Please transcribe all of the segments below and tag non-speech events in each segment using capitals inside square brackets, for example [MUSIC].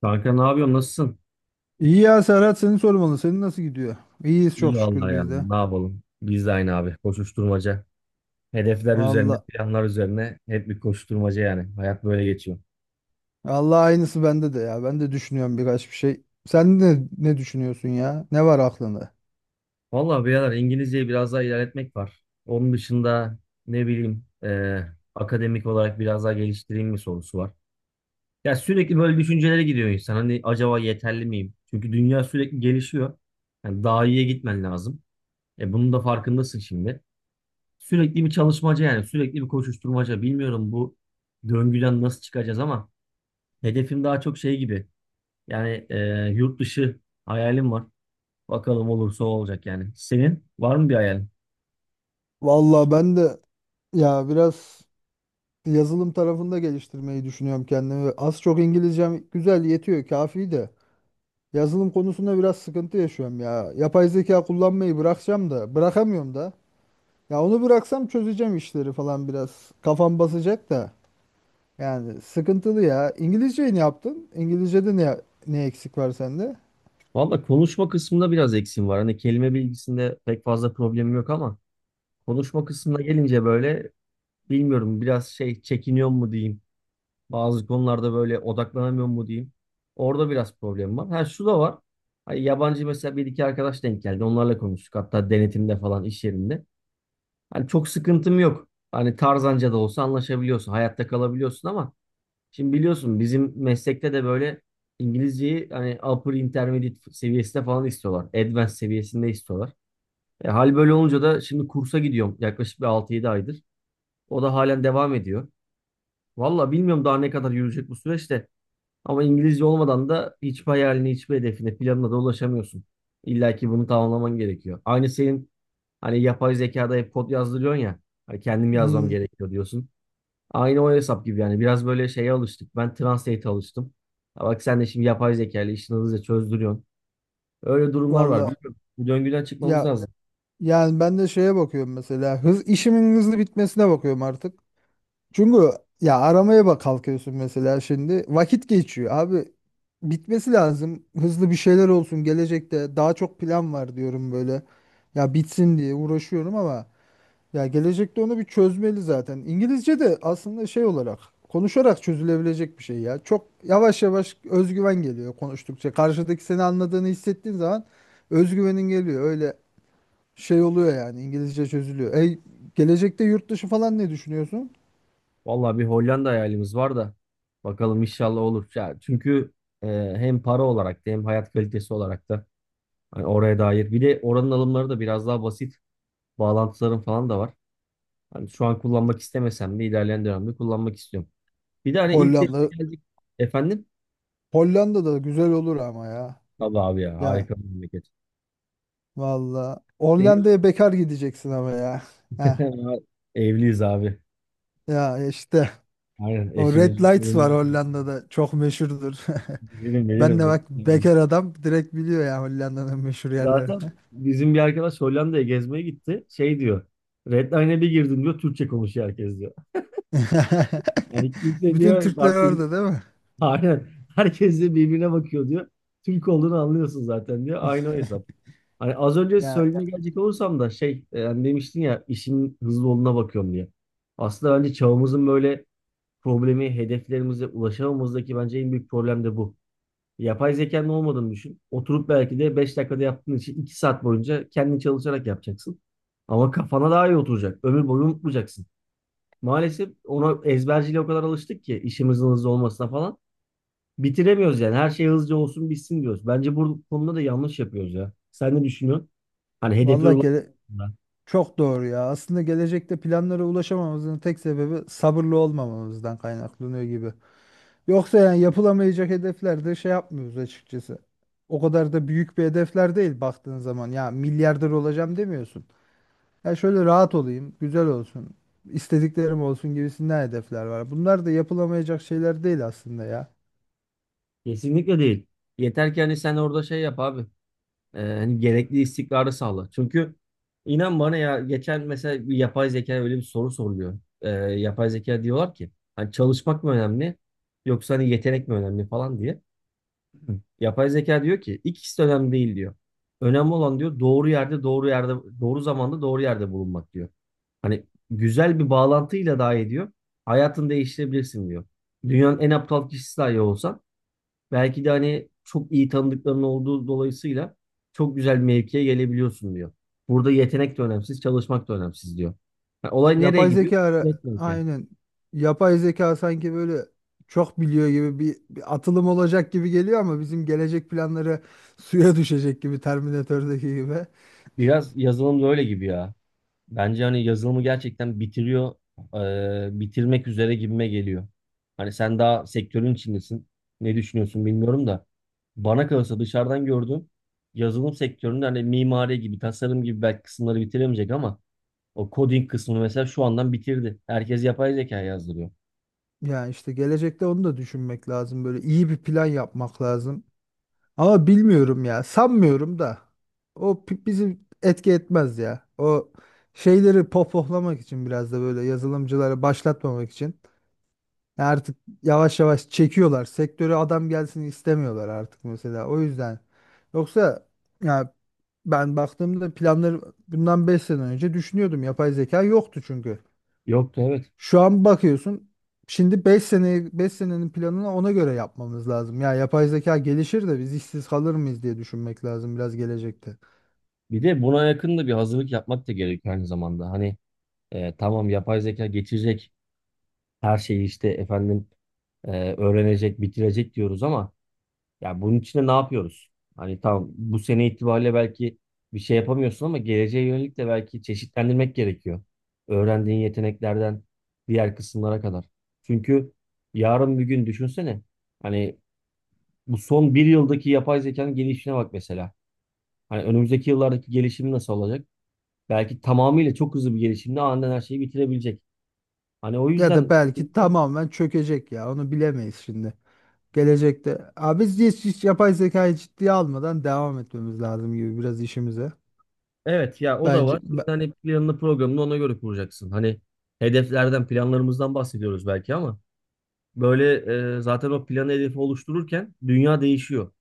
Kanka ne yapıyorsun? Nasılsın? İyi ya Serhat seni sormalı. Senin nasıl gidiyor? İyiyiz İyi çok şükür vallahi ya. biz de. Ne yapalım? Biz de aynı abi. Koşuşturmaca. Hedefler üzerine, Valla. planlar üzerine hep bir koşuşturmaca yani. Hayat böyle geçiyor. Allah aynısı bende de ya. Ben de düşünüyorum birkaç bir şey. Sen de ne düşünüyorsun ya? Ne var aklında? Vallahi birader İngilizceyi biraz daha ilerletmek var. Onun dışında ne bileyim akademik olarak biraz daha geliştireyim mi sorusu var. Ya sürekli böyle düşüncelere gidiyor insan. Hani acaba yeterli miyim? Çünkü dünya sürekli gelişiyor. Yani daha iyiye gitmen lazım. E bunun da farkındasın şimdi. Sürekli bir çalışmaca yani sürekli bir koşuşturmaca. Bilmiyorum bu döngüden nasıl çıkacağız ama hedefim daha çok şey gibi. Yani yurt dışı hayalim var. Bakalım olursa o olacak yani. Senin var mı bir hayalin? Valla ben de ya biraz yazılım tarafında geliştirmeyi düşünüyorum kendimi. Az çok İngilizcem güzel yetiyor, kafi de. Yazılım konusunda biraz sıkıntı yaşıyorum ya. Yapay zeka kullanmayı bırakacağım da, bırakamıyorum da. Ya onu bıraksam çözeceğim işleri falan biraz. Kafam basacak da. Yani sıkıntılı ya. İngilizceyi ne yaptın? İngilizce'de ne eksik var sende? Valla konuşma kısmında biraz eksiğim var. Hani kelime bilgisinde pek fazla problemim yok ama konuşma kısmına gelince böyle bilmiyorum biraz şey çekiniyor mu diyeyim. Bazı konularda böyle odaklanamıyorum mu diyeyim. Orada biraz problem var. Ha şu da var. Hani yabancı mesela bir iki arkadaş denk geldi. Onlarla konuştuk. Hatta denetimde falan iş yerinde. Hani çok sıkıntım yok. Hani Tarzanca da olsa anlaşabiliyorsun. Hayatta kalabiliyorsun ama şimdi biliyorsun bizim meslekte de böyle İngilizceyi hani upper intermediate seviyesinde falan istiyorlar. Advanced seviyesinde istiyorlar. E, hal böyle olunca da şimdi kursa gidiyorum yaklaşık bir altı yedi aydır. O da halen devam ediyor. Valla bilmiyorum daha ne kadar yürüyecek bu süreçte. Ama İngilizce olmadan da hiçbir hayaline, hiçbir hedefine, planına da ulaşamıyorsun. İlla ki bunu tamamlaman gerekiyor. Aynı senin hani yapay zekada hep kod yazdırıyorsun ya. Hani kendim yazmam Hmm, gerekiyor diyorsun. Aynı o hesap gibi yani. Biraz böyle şeye alıştık. Ben Translate'e alıştım. Ha bak sen de şimdi yapay zeka ile işini hızlıca çözdürüyorsun. Öyle durumlar var. valla Bilmiyorum. Bu döngüden çıkmamız ya lazım. yani ben de şeye bakıyorum mesela hız işimin hızlı bitmesine bakıyorum artık. Çünkü ya aramaya bak kalkıyorsun mesela şimdi vakit geçiyor abi bitmesi lazım hızlı bir şeyler olsun gelecekte daha çok plan var diyorum böyle ya bitsin diye uğraşıyorum ama ya gelecekte onu bir çözmeli zaten. İngilizce de aslında şey olarak konuşarak çözülebilecek bir şey ya. Çok yavaş yavaş özgüven geliyor konuştukça. Karşıdaki seni anladığını hissettiğin zaman özgüvenin geliyor. Öyle şey oluyor yani İngilizce çözülüyor. Ey gelecekte yurt dışı falan ne düşünüyorsun? Vallahi bir Hollanda hayalimiz var da. Bakalım inşallah olur. Ya çünkü e, hem para olarak da hem hayat kalitesi olarak da hani oraya dair. Bir de oranın alımları da biraz daha basit. Bağlantıların falan da var. Hani şu an kullanmak istemesem de ilerleyen dönemde kullanmak istiyorum. Bir de hani ilk defa Hollanda. geldik. Efendim? Hollanda da güzel olur ama ya. Tabii abi ya Ya harika bir memleket. valla. Senin Hollanda'ya bekar gideceksin ama ya. Heh. [LAUGHS] evliyiz abi. Ya işte Aynen o Red eşimizi, Lights var çoluğumuzu Hollanda'da çok meşhurdur. [LAUGHS] bilirim Ben de bilirim. bak Bilirim. bekar adam direkt biliyor ya Hollanda'nın meşhur yerlerini. Zaten bizim bir arkadaş Hollanda'ya gezmeye gitti. Şey diyor. Redline'e bir girdim diyor. Türkçe konuşuyor herkes diyor. [LAUGHS] Hani kimse Bütün diyor Türkler farklı orada değil mi? aynen. Herkes de birbirine bakıyor diyor. Türk olduğunu anlıyorsun zaten diyor. Aynı o hesap. Hani az önce Ya söylediğine gelecek olursam da şey hani demiştin ya işin hızlı olduğuna bakıyorum diye. Aslında bence çağımızın böyle problemi hedeflerimize ulaşamamızdaki bence en büyük problem de bu. Yapay zekanın olmadığını düşün. Oturup belki de 5 dakikada yaptığın işi 2 saat boyunca kendin çalışarak yapacaksın. Ama kafana daha iyi oturacak. Ömür boyu unutmayacaksın. Maalesef ona ezberciyle o kadar alıştık ki işimizin hızlı olmasına falan bitiremiyoruz yani. Her şey hızlıca olsun bitsin diyoruz. Bence bu konuda da yanlış yapıyoruz ya. Sen ne düşünüyorsun? Hani hedeflere vallahi gele- ulaşmak. çok doğru ya. Aslında gelecekte planlara ulaşamamamızın tek sebebi sabırlı olmamamızdan kaynaklanıyor gibi. Yoksa yani yapılamayacak hedeflerde şey yapmıyoruz açıkçası. O kadar da büyük bir hedefler değil baktığın zaman. Ya milyarder olacağım demiyorsun. Ya şöyle rahat olayım, güzel olsun, istediklerim olsun gibisinden hedefler var. Bunlar da yapılamayacak şeyler değil aslında ya. Kesinlikle değil. Yeter ki hani sen orada şey yap abi. Hani gerekli istikrarı sağla. Çünkü inan bana ya geçen mesela bir yapay zeka öyle bir soru soruluyor. Yapay zeka diyorlar ki hani çalışmak mı önemli yoksa hani yetenek mi önemli falan diye. Yapay zeka diyor ki ikisi de önemli değil diyor. Önemli olan diyor doğru yerde doğru zamanda doğru yerde bulunmak diyor. Hani güzel bir bağlantıyla dahi ediyor. Hayatını değiştirebilirsin diyor. Dünyanın en aptal kişisi dahi olsan belki de hani çok iyi tanıdıkların olduğu dolayısıyla çok güzel bir mevkiye gelebiliyorsun diyor. Burada yetenek de önemsiz, çalışmak da önemsiz diyor. Yani olay nereye Yapay gidiyor? zeka ara- Network'e. aynen. Yapay zeka sanki böyle çok biliyor gibi bir atılım olacak gibi geliyor ama bizim gelecek planları [LAUGHS] suya düşecek gibi Terminator'daki gibi. Biraz yazılım da öyle gibi ya. Bence hani yazılımı gerçekten bitiriyor, bitirmek üzere gibime geliyor. Hani sen daha sektörün içindesin. Ne düşünüyorsun bilmiyorum da. Bana kalırsa dışarıdan gördüğüm yazılım sektöründe hani mimari gibi, tasarım gibi belki kısımları bitiremeyecek ama o coding kısmını mesela şu andan bitirdi. Herkes yapay zeka yazdırıyor. Yani işte gelecekte onu da düşünmek lazım. Böyle iyi bir plan yapmak lazım. Ama bilmiyorum ya. Sanmıyorum da. Bizi etki etmez ya. O şeyleri pohpohlamak için biraz da böyle yazılımcıları başlatmamak için. Ya artık yavaş yavaş çekiyorlar. Sektöre adam gelsin istemiyorlar artık mesela. O yüzden. Yoksa ya ben baktığımda planları bundan 5 sene önce düşünüyordum. Yapay zeka yoktu çünkü. Yoktu, evet. Şu an bakıyorsun. Şimdi beş senenin planını ona göre yapmamız lazım. Ya yapay zeka gelişir de biz işsiz kalır mıyız diye düşünmek lazım biraz gelecekte. Bir de buna yakın da bir hazırlık yapmak da gerekiyor aynı zamanda. Hani tamam yapay zeka geçecek her şeyi işte efendim öğrenecek, bitirecek diyoruz ama ya bunun için de ne yapıyoruz? Hani tamam bu sene itibariyle belki bir şey yapamıyorsun ama geleceğe yönelik de belki çeşitlendirmek gerekiyor. Öğrendiğin yeteneklerden diğer kısımlara kadar. Çünkü yarın bir gün düşünsene. Hani bu son bir yıldaki yapay zekanın gelişine bak mesela. Hani önümüzdeki yıllardaki gelişimi nasıl olacak? Belki tamamıyla çok hızlı bir gelişimle aniden her şeyi bitirebilecek. Hani o Ya yüzden da belki şimdiden tamamen çökecek ya. Onu bilemeyiz şimdi. Gelecekte. Abi biz hiç yapay zekayı ciddiye almadan devam etmemiz lazım gibi biraz işimize. evet ya o da Bence var. Şimdi ben- hani planını programını ona göre kuracaksın. Hani hedeflerden planlarımızdan bahsediyoruz belki ama böyle zaten o planı hedefi oluştururken dünya değişiyor.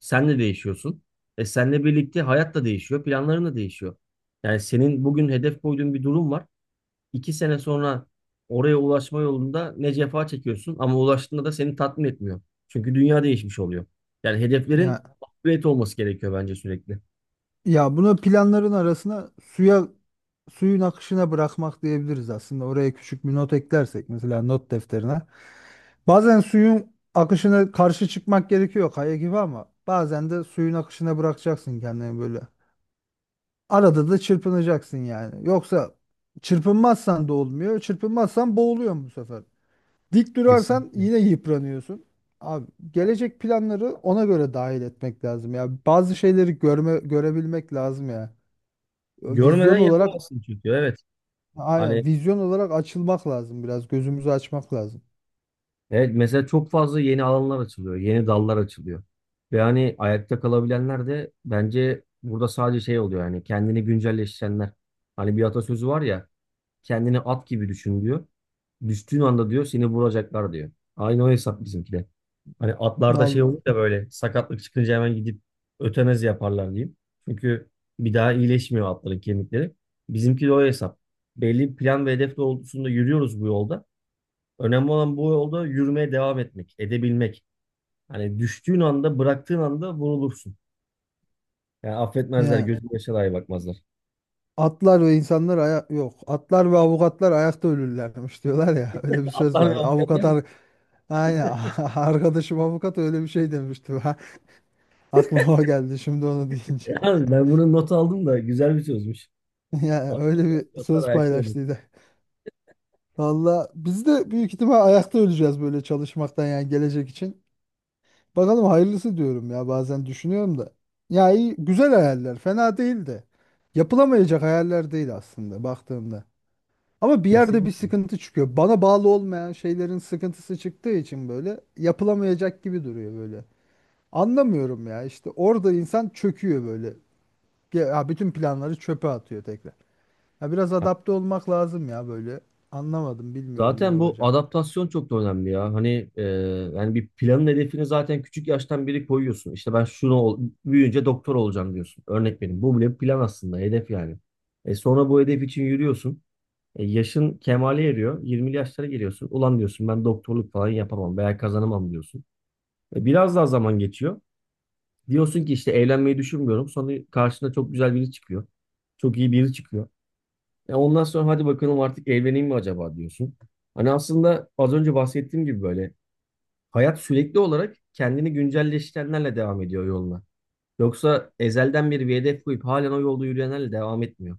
Sen de değişiyorsun. E senle birlikte hayat da değişiyor, planların da değişiyor. Yani senin bugün hedef koyduğun bir durum var. İki sene sonra oraya ulaşma yolunda ne cefa çekiyorsun ama ulaştığında da seni tatmin etmiyor. Çünkü dünya değişmiş oluyor. Yani hedeflerin Ya upgrade olması gerekiyor bence sürekli. ya bunu planların arasına suyun akışına bırakmak diyebiliriz aslında. Oraya küçük bir not eklersek mesela not defterine. Bazen suyun akışına karşı çıkmak gerekiyor kaya gibi ama bazen de suyun akışına bırakacaksın kendini böyle. Arada da çırpınacaksın yani. Yoksa çırpınmazsan da olmuyor. Çırpınmazsan boğuluyorsun bu sefer. Dik durarsan Kesinlikle. yine yıpranıyorsun. Abi gelecek planları ona göre dahil etmek lazım ya. Bazı şeyleri görebilmek lazım ya. Görmeden Vizyon olarak yapamazsın çünkü evet. aynen Hani vizyon olarak açılmak lazım biraz. Gözümüzü açmak lazım. evet mesela çok fazla yeni alanlar açılıyor, yeni dallar açılıyor. Ve hani ayakta kalabilenler de bence burada sadece şey oluyor yani kendini güncelleştirenler. Hani bir atasözü var ya, kendini at gibi düşün diyor. Düştüğün anda diyor seni vuracaklar diyor. Aynı o hesap bizimki de. Hani atlarda şey Al, olur da böyle sakatlık çıkınca hemen gidip ötenazi yaparlar diyeyim. Çünkü bir daha iyileşmiyor atların kemikleri. Bizimki de o hesap. Belli bir plan ve hedef doğrultusunda yürüyoruz bu yolda. Önemli olan bu yolda yürümeye devam etmek, edebilmek. Hani düştüğün anda, bıraktığın anda vurulursun. Yani affetmezler, yani gözün yaşa dahi bakmazlar. atlar ve insanlar aya yok. Atlar ve avukatlar ayakta ölürlermiş diyorlar ya. [LAUGHS] Öyle bir söz Atlar ve var. Avukatlar. Aynen. [LAUGHS] Arkadaşım avukat öyle bir şey demişti. Ha, aklıma o geldi şimdi onu deyince. [LAUGHS] Yani ben bunun notu aldım da güzel bir sözmüş. Yani öyle bir Fiyatlar söz ayakta olur. paylaştıydı. Valla biz de büyük ihtimal ayakta öleceğiz böyle çalışmaktan yani gelecek için. Bakalım hayırlısı diyorum ya bazen düşünüyorum da. Ya iyi, güzel hayaller fena değil de. Yapılamayacak hayaller değil aslında baktığımda. Ama bir yerde bir Kesinlikle. sıkıntı çıkıyor. Bana bağlı olmayan şeylerin sıkıntısı çıktığı için böyle yapılamayacak gibi duruyor böyle. Anlamıyorum ya işte orada insan çöküyor böyle. Ya bütün planları çöpe atıyor tekrar. Ya biraz Ha, adapte olmak lazım ya böyle. Anlamadım bilmiyorum ne zaten bu olacak. adaptasyon çok da önemli ya. Hani yani bir planın hedefini zaten küçük yaştan biri koyuyorsun. İşte ben şunu büyüyünce doktor olacağım diyorsun. Örnek benim. Bu bile bir plan aslında, hedef yani. E sonra bu hedef için yürüyorsun. E, yaşın kemale eriyor. 20'li yaşlara geliyorsun. Ulan diyorsun ben doktorluk falan yapamam veya kazanamam diyorsun. E, biraz daha zaman geçiyor. Diyorsun ki işte evlenmeyi düşünmüyorum. Sonra karşına çok güzel biri çıkıyor. Çok iyi biri çıkıyor. Ya ondan sonra hadi bakalım artık evleneyim mi acaba diyorsun. Hani aslında az önce bahsettiğim gibi böyle hayat sürekli olarak kendini güncelleştirenlerle devam ediyor yoluna. Yoksa ezelden beri bir hedef koyup halen o yolda yürüyenlerle devam etmiyor.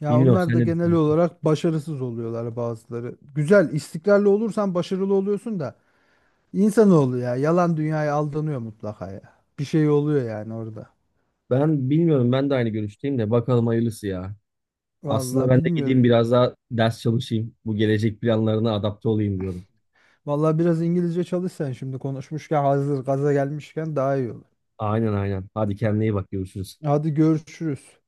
Ya Bilmiyorum, onlar sen da ne genel düşünüyorsun? olarak başarısız oluyorlar bazıları. Güzel, istikrarlı olursan başarılı oluyorsun da insanoğlu ya yalan dünyaya aldanıyor mutlaka ya. Bir şey oluyor yani orada. Ben bilmiyorum, ben de aynı görüşteyim de bakalım hayırlısı ya. Aslında Vallahi ben de gideyim bilmiyorum. biraz daha ders çalışayım. Bu gelecek planlarına adapte olayım diyorum. Vallahi biraz İngilizce çalışsan şimdi konuşmuşken hazır gaza gelmişken daha iyi olur. Aynen aynen. Hadi kendine iyi bak görüşürüz. Hadi görüşürüz.